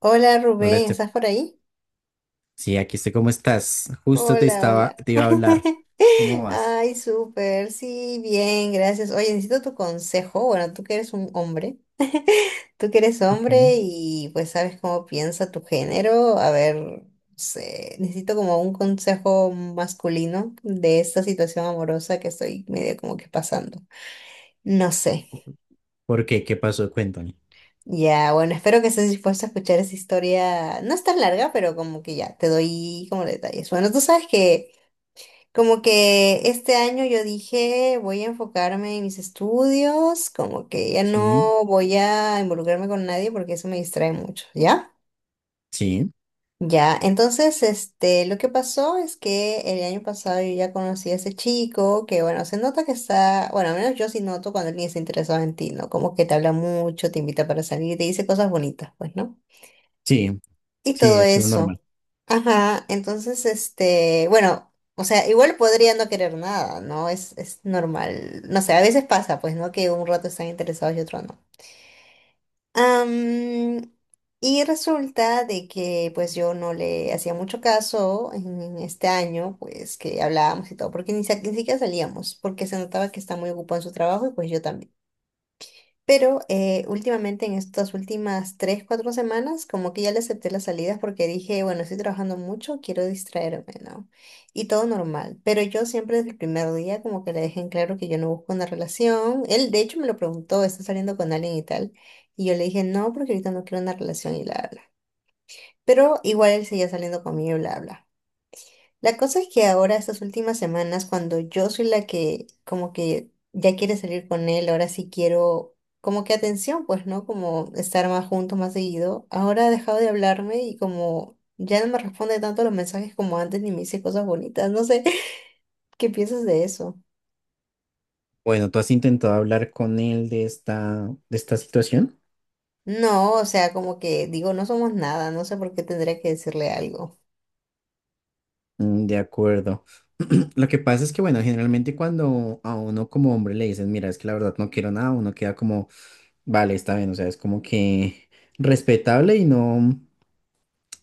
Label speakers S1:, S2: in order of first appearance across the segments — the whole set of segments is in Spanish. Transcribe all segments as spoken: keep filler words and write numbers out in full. S1: Hola
S2: Hola,
S1: Rubén,
S2: Estef.
S1: ¿estás por ahí?
S2: Sí, aquí estoy. ¿Cómo estás? Justo te
S1: Hola,
S2: estaba,
S1: hola.
S2: te iba a hablar. ¿Cómo vas?
S1: Ay, súper, sí, bien, gracias. Oye, necesito tu consejo. Bueno, tú que eres un hombre, tú que eres
S2: Okay.
S1: hombre y pues sabes cómo piensa tu género. A ver, no sé, necesito como un consejo masculino de esta situación amorosa que estoy medio como que pasando. No sé.
S2: ¿Por qué? ¿Qué pasó? Cuéntame.
S1: Ya, bueno, espero que estés dispuesto a escuchar esa historia. No es tan larga, pero como que ya, te doy como detalles. Bueno, tú sabes que... Como que este año yo dije, voy a enfocarme en mis estudios, como que ya no
S2: Sí.
S1: voy a involucrarme con nadie porque eso me distrae mucho, ¿ya?
S2: Sí,
S1: Ya, entonces, este, lo que pasó es que el año pasado yo ya conocí a ese chico que, bueno, se nota que está, bueno, al menos yo sí noto cuando alguien está interesado en ti, ¿no? Como que te habla mucho, te invita para salir, te dice cosas bonitas, pues, ¿no?
S2: sí,
S1: Y
S2: sí,
S1: todo
S2: es lo normal.
S1: eso. Ajá, entonces, este, bueno, o sea, igual podría no querer nada, ¿no? Es, es normal. No sé, a veces pasa, pues, ¿no? Que un rato están interesados y otro no. Am, y resulta de que pues yo no le hacía mucho caso en, en este año, pues que hablábamos y todo, porque ni, sa- ni siquiera salíamos, porque se notaba que está muy ocupado en su trabajo y pues yo también. Pero eh, últimamente, en estas últimas tres, cuatro semanas, como que ya le acepté las salidas porque dije, bueno, estoy trabajando mucho, quiero distraerme, ¿no? Y todo normal. Pero yo siempre desde el primer día como que le dejé en claro que yo no busco una relación. Él, de hecho, me lo preguntó, ¿estás saliendo con alguien y tal? Y yo le dije, no, porque ahorita no quiero una relación y bla, bla. Pero igual él seguía saliendo conmigo y bla, bla. La cosa es que ahora, estas últimas semanas, cuando yo soy la que como que ya quiere salir con él, ahora sí quiero como que atención, pues, ¿no? Como estar más juntos, más seguido. Ahora ha dejado de hablarme y como ya no me responde tanto los mensajes como antes ni me dice cosas bonitas. No sé, ¿qué piensas de eso?
S2: Bueno, ¿tú has intentado hablar con él de esta, de esta situación?
S1: No, o sea, como que digo, no somos nada, no sé por qué tendría que decirle algo.
S2: Mm, De acuerdo. Lo que pasa es que, bueno, generalmente cuando a uno como hombre le dicen, mira, es que la verdad no quiero nada, uno queda como, vale, está bien, o sea, es como que respetable y no.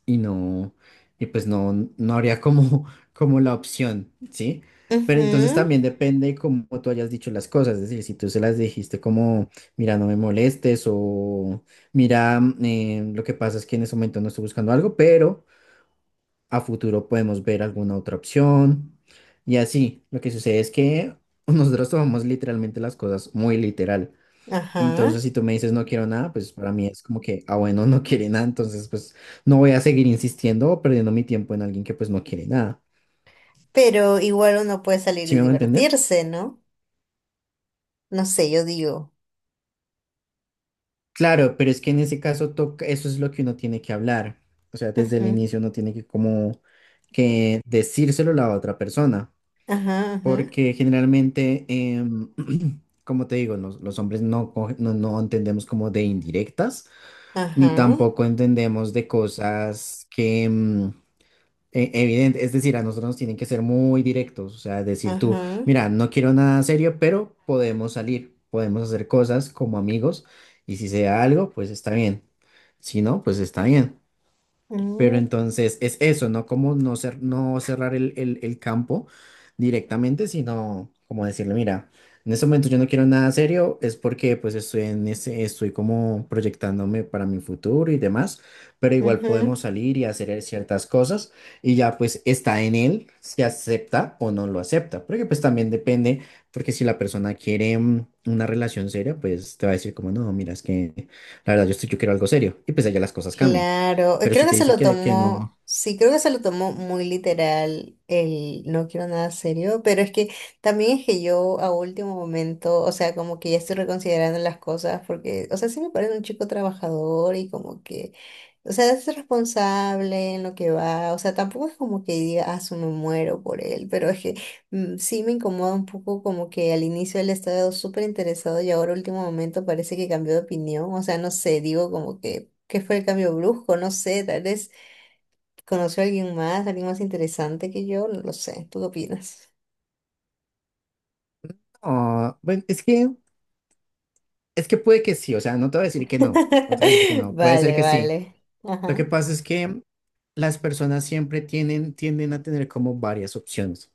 S2: y no, y pues no, no habría como, como la opción, ¿sí? Pero entonces
S1: Ujú,
S2: también depende cómo tú hayas dicho las cosas, es decir, si tú se las dijiste como, mira, no me molestes o mira, mm, eh, lo que pasa es que en ese momento no estoy buscando algo, pero a futuro podemos ver alguna otra opción. Y así, lo que sucede es que nosotros tomamos literalmente las cosas muy literal.
S1: ajá.
S2: Entonces, si tú me dices no quiero nada, pues para mí es como que, ah, bueno, no quiere nada, entonces pues no voy a seguir insistiendo o perdiendo mi tiempo en alguien que pues no quiere nada.
S1: Pero igual uno puede salir
S2: ¿Sí
S1: y
S2: me va a entender?
S1: divertirse, ¿no? No sé, yo digo.
S2: Claro, pero es que en ese caso toca, eso es lo que uno tiene que hablar. O sea, desde el inicio uno tiene que como que decírselo a la otra persona,
S1: Ajá, ajá,
S2: porque generalmente, em, como te digo, los, los hombres no, coge- no, no entendemos como de indirectas, ni
S1: ajá,
S2: tampoco entendemos de cosas que... em, e- evidente, es decir, a nosotros nos tienen que ser muy directos, o sea, decir tú,
S1: ajá,
S2: mira, no quiero nada serio, pero podemos salir, podemos hacer cosas como amigos, y si sea algo, pues está bien, si no, pues está bien. Pero
S1: mm,
S2: entonces es eso, ¿no? Como no, cer- no cerrar el, el- el campo directamente, sino como decirle, mira, en este momento yo no quiero nada serio, es porque pues estoy en ese, estoy como proyectándome para mi futuro y demás, pero igual
S1: ujú.
S2: podemos salir y hacer ciertas cosas y ya pues está en él si acepta o no lo acepta, porque pues también depende, porque si la persona quiere mm, una relación seria, pues te va a decir como, no, mira, es que la verdad yo estoy, yo quiero algo serio y pues allá las cosas cambian.
S1: Claro, eh,
S2: Pero
S1: creo
S2: si
S1: que
S2: te
S1: se
S2: dice
S1: lo
S2: que, que
S1: tomó,
S2: no,
S1: sí, creo que se lo tomó muy literal el no quiero nada serio, pero es que también es que yo a último momento, o sea, como que ya estoy reconsiderando las cosas porque, o sea, sí me parece un chico trabajador y como que, o sea, es responsable en lo que va, o sea, tampoco es como que diga, ah, su me muero por él, pero es que mm, sí me incomoda un poco como que al inicio él estaba súper interesado y ahora último momento parece que cambió de opinión, o sea, no sé, digo como que que fue el cambio brusco, no sé, tal vez conoció a alguien más, alguien más interesante que yo, no lo sé, ¿tú qué opinas?
S2: ah, bueno, es que, es que puede que sí, o sea, no te voy a decir que no, no te voy a decir que no, puede ser
S1: Vale,
S2: que sí.
S1: vale.
S2: Lo que
S1: Ajá.
S2: pasa es que las personas siempre tienen, tienden a tener como varias opciones.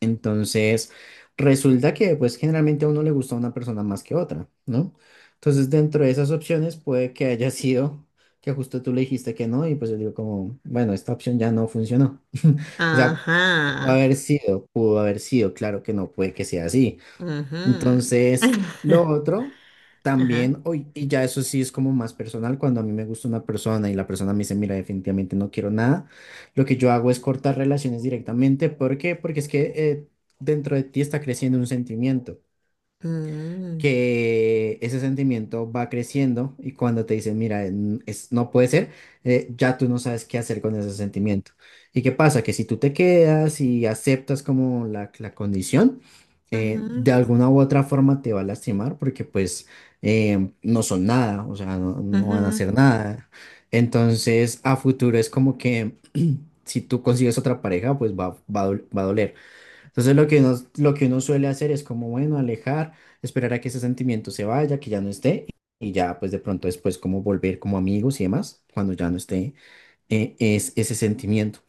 S2: Entonces, resulta que pues generalmente a uno le gusta una persona más que otra, ¿no? Entonces, dentro de esas opciones puede que haya sido que justo tú le dijiste que no y pues yo digo como, bueno, esta opción ya no funcionó. O sea, pudo
S1: Ajá.
S2: haber sido, pudo haber sido, claro que no puede que sea así.
S1: Ajá.
S2: Entonces, lo otro
S1: Ajá.
S2: también, hoy, y ya eso sí es como más personal, cuando a mí me gusta una persona y la persona me dice, mira, definitivamente no quiero nada, lo que yo hago es cortar relaciones directamente. ¿Por qué? Porque es que eh, dentro de ti está creciendo un sentimiento
S1: Mm,
S2: que ese sentimiento va creciendo y cuando te dicen, mira, n- es, no puede ser, eh, ya tú no sabes qué hacer con ese sentimiento. ¿Y qué pasa? Que si tú te quedas y aceptas como la, la condición, eh,
S1: ujú,
S2: de alguna u otra forma te va a lastimar porque pues eh, no son nada, o sea, no, no van a
S1: ujú.
S2: hacer nada. Entonces, a futuro es como que si tú consigues otra pareja, pues va, va a dol- va a doler. Entonces lo que uno, lo que uno suele hacer es como, bueno, alejar, esperar a que ese sentimiento se vaya, que ya no esté, y ya pues de pronto después como volver como amigos y demás, cuando ya no esté eh, es ese sentimiento.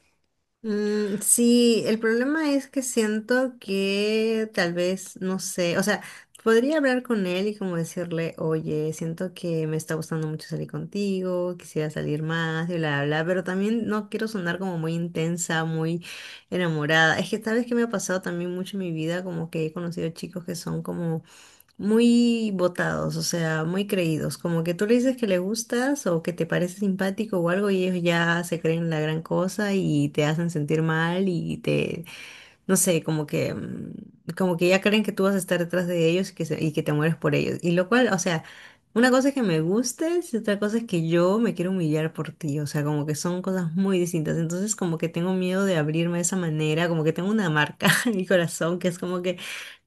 S1: Mm, sí, el problema es que siento que tal vez, no sé, o sea, podría hablar con él y como decirle, oye, siento que me está gustando mucho salir contigo, quisiera salir más y bla, bla, bla, pero también no quiero sonar como muy intensa, muy enamorada. Es que tal vez que me ha pasado también mucho en mi vida, como que he conocido chicos que son como muy botados, o sea, muy creídos, como que tú le dices que le gustas o que te parece simpático o algo y ellos ya se creen la gran cosa y te hacen sentir mal y te, no sé, como que, mm, como que ya creen que tú vas a estar detrás de ellos y que, se- y que te mueres por ellos. Y lo cual, o sea, una cosa es que me gustes y otra cosa es que yo me quiero humillar por ti. O sea, como que son cosas muy distintas. Entonces, como que tengo miedo de abrirme de esa manera, como que tengo una marca en mi corazón que es como que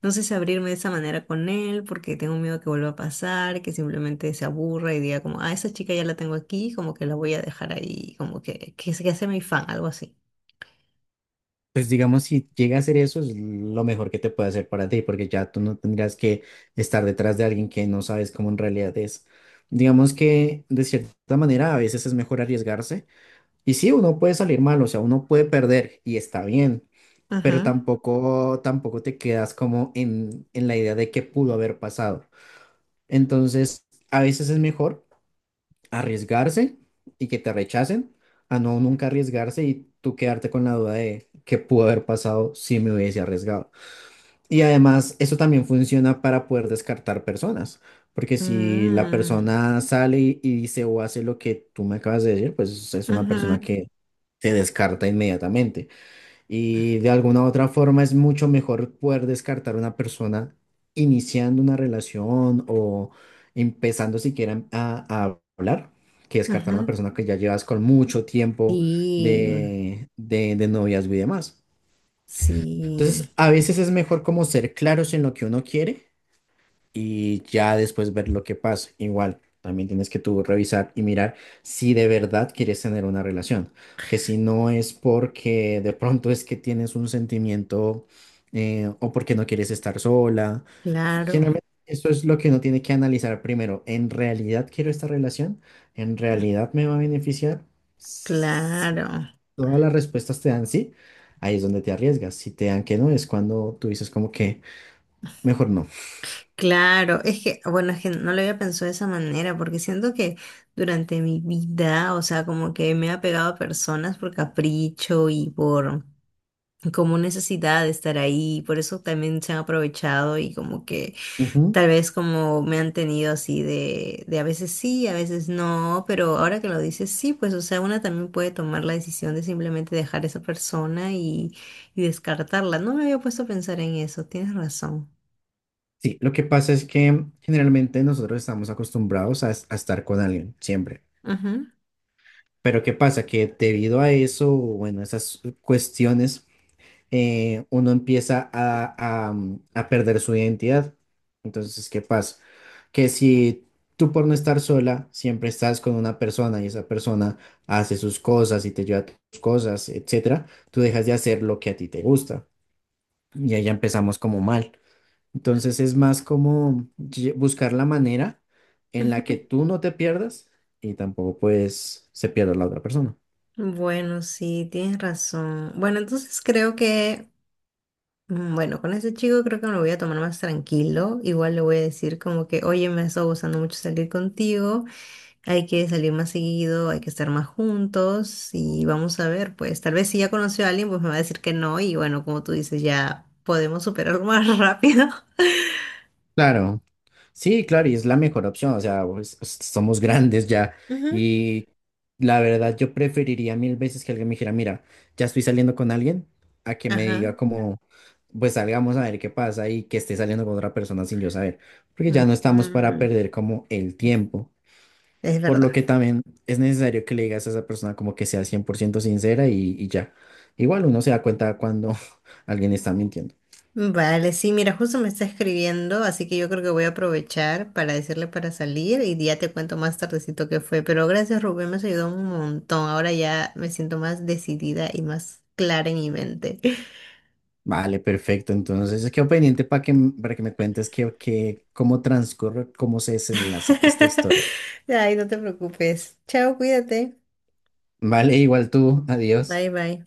S1: no sé si abrirme de esa manera con él porque tengo miedo que vuelva a pasar, que simplemente se aburra y diga como, ah, esa chica ya la tengo aquí, como que la voy a dejar ahí, como que, que se que sea mi fan, algo así.
S2: Pues digamos, si llega a ser eso, es lo mejor que te puede hacer para ti, porque ya tú no tendrías que estar detrás de alguien que no sabes cómo en realidad es. Digamos que de cierta manera a veces es mejor arriesgarse. Y sí, uno puede salir mal, o sea, uno puede perder y está bien. Pero
S1: Ajá.
S2: tampoco, tampoco te quedas como en, en la idea de qué pudo haber pasado. Entonces, a veces es mejor arriesgarse y que te rechacen, a no nunca arriesgarse y tú quedarte con la duda de qué pudo haber pasado si me hubiese arriesgado. Y además, eso también funciona para poder descartar personas. Porque si la
S1: Mm.
S2: persona sale y y dice o hace lo que tú me acabas de decir, pues es una persona
S1: Ajá,
S2: que se descarta inmediatamente. Y de alguna u otra forma es mucho mejor poder descartar a una persona iniciando una relación o empezando siquiera a, a hablar, que descartar
S1: ajá.
S2: a una persona que ya llevas con mucho tiempo
S1: Sí,
S2: de, de, de noviazgo y demás.
S1: sí,
S2: Entonces, a veces es mejor como ser claros en lo que uno quiere y ya después ver lo que pasa. Igual, también tienes que tú revisar y mirar si de verdad quieres tener una relación, que si no es porque de pronto es que tienes un sentimiento eh, o porque no quieres estar sola.
S1: claro,
S2: Generalmente esto es lo que uno tiene que analizar primero. ¿En realidad quiero esta relación? ¿En realidad me va a beneficiar? Si
S1: claro,
S2: todas las respuestas te dan sí, ahí es donde te arriesgas. Si te dan que no, es cuando tú dices como que mejor no.
S1: claro. Es que, bueno, es que no lo había pensado de esa manera, porque siento que durante mi vida, o sea, como que me he apegado a personas por capricho y por como necesidad de estar ahí, por eso también se han aprovechado y como que
S2: Ujú.
S1: tal vez como me han tenido así de, de a veces sí, a veces no, pero ahora que lo dices, sí, pues o sea, una también puede tomar la decisión de simplemente dejar esa persona y, y descartarla. No me había puesto a pensar en eso, tienes razón.
S2: Sí, lo que pasa es que generalmente nosotros estamos acostumbrados a, a estar con alguien, siempre.
S1: Ujú,
S2: Pero ¿qué pasa? Que debido a eso, bueno, esas cuestiones, eh, uno empieza a, a, mm, a perder su identidad. Entonces, ¿qué pasa? Que si tú por no estar sola, siempre estás con una persona y esa persona hace sus cosas y te lleva tus cosas, etcétera, tú dejas de hacer lo que a ti te gusta. Y ahí ya empezamos como mal. Entonces es más como lle- buscar la manera en la que
S1: ujú.
S2: tú no te pierdas y tampoco pues se pierda la otra persona.
S1: Bueno, sí, tienes razón. Bueno, entonces creo que, mm, bueno, con ese chico creo que me lo voy a tomar más tranquilo. Igual le voy a decir como que, oye, me ha estado gustando mucho salir contigo. Hay que salir más seguido, hay que estar más juntos y vamos a ver, pues tal vez si ya conoció a alguien, pues me va a decir que no y bueno, como tú dices, ya podemos superarlo más rápido.
S2: Claro, sí, claro, y es la mejor opción, o sea, pues, s- somos grandes ya
S1: Ujú.
S2: y la verdad yo preferiría mil veces que alguien me dijera, mira, ya estoy saliendo con alguien, a que me diga
S1: Ajá.
S2: como, pues salgamos a ver qué pasa y que esté saliendo con otra persona sin yo saber, porque ya no estamos para
S1: Mm,
S2: perder como el tiempo.
S1: es
S2: Por lo
S1: verdad.
S2: que también es necesario que le digas a esa persona como que sea cien por ciento sincera y, y ya. Igual uno se da cuenta cuando alguien está mintiendo.
S1: Vale, sí, mira, justo me está escribiendo, así que yo creo que voy a aprovechar para decirle para salir y ya te cuento más tardecito qué fue. Pero gracias, Rubén, me has ayudado un montón. Ahora ya me siento más decidida y más clara en mi mente.
S2: Vale, perfecto. Entonces, quedo pendiente para que, m- para que me cuentes que, que, cómo transcurre, cómo se desenlaza esta historia.
S1: Ay, no te preocupes. Chao, cuídate.
S2: Vale, igual tú. Adiós.
S1: Bye, bye.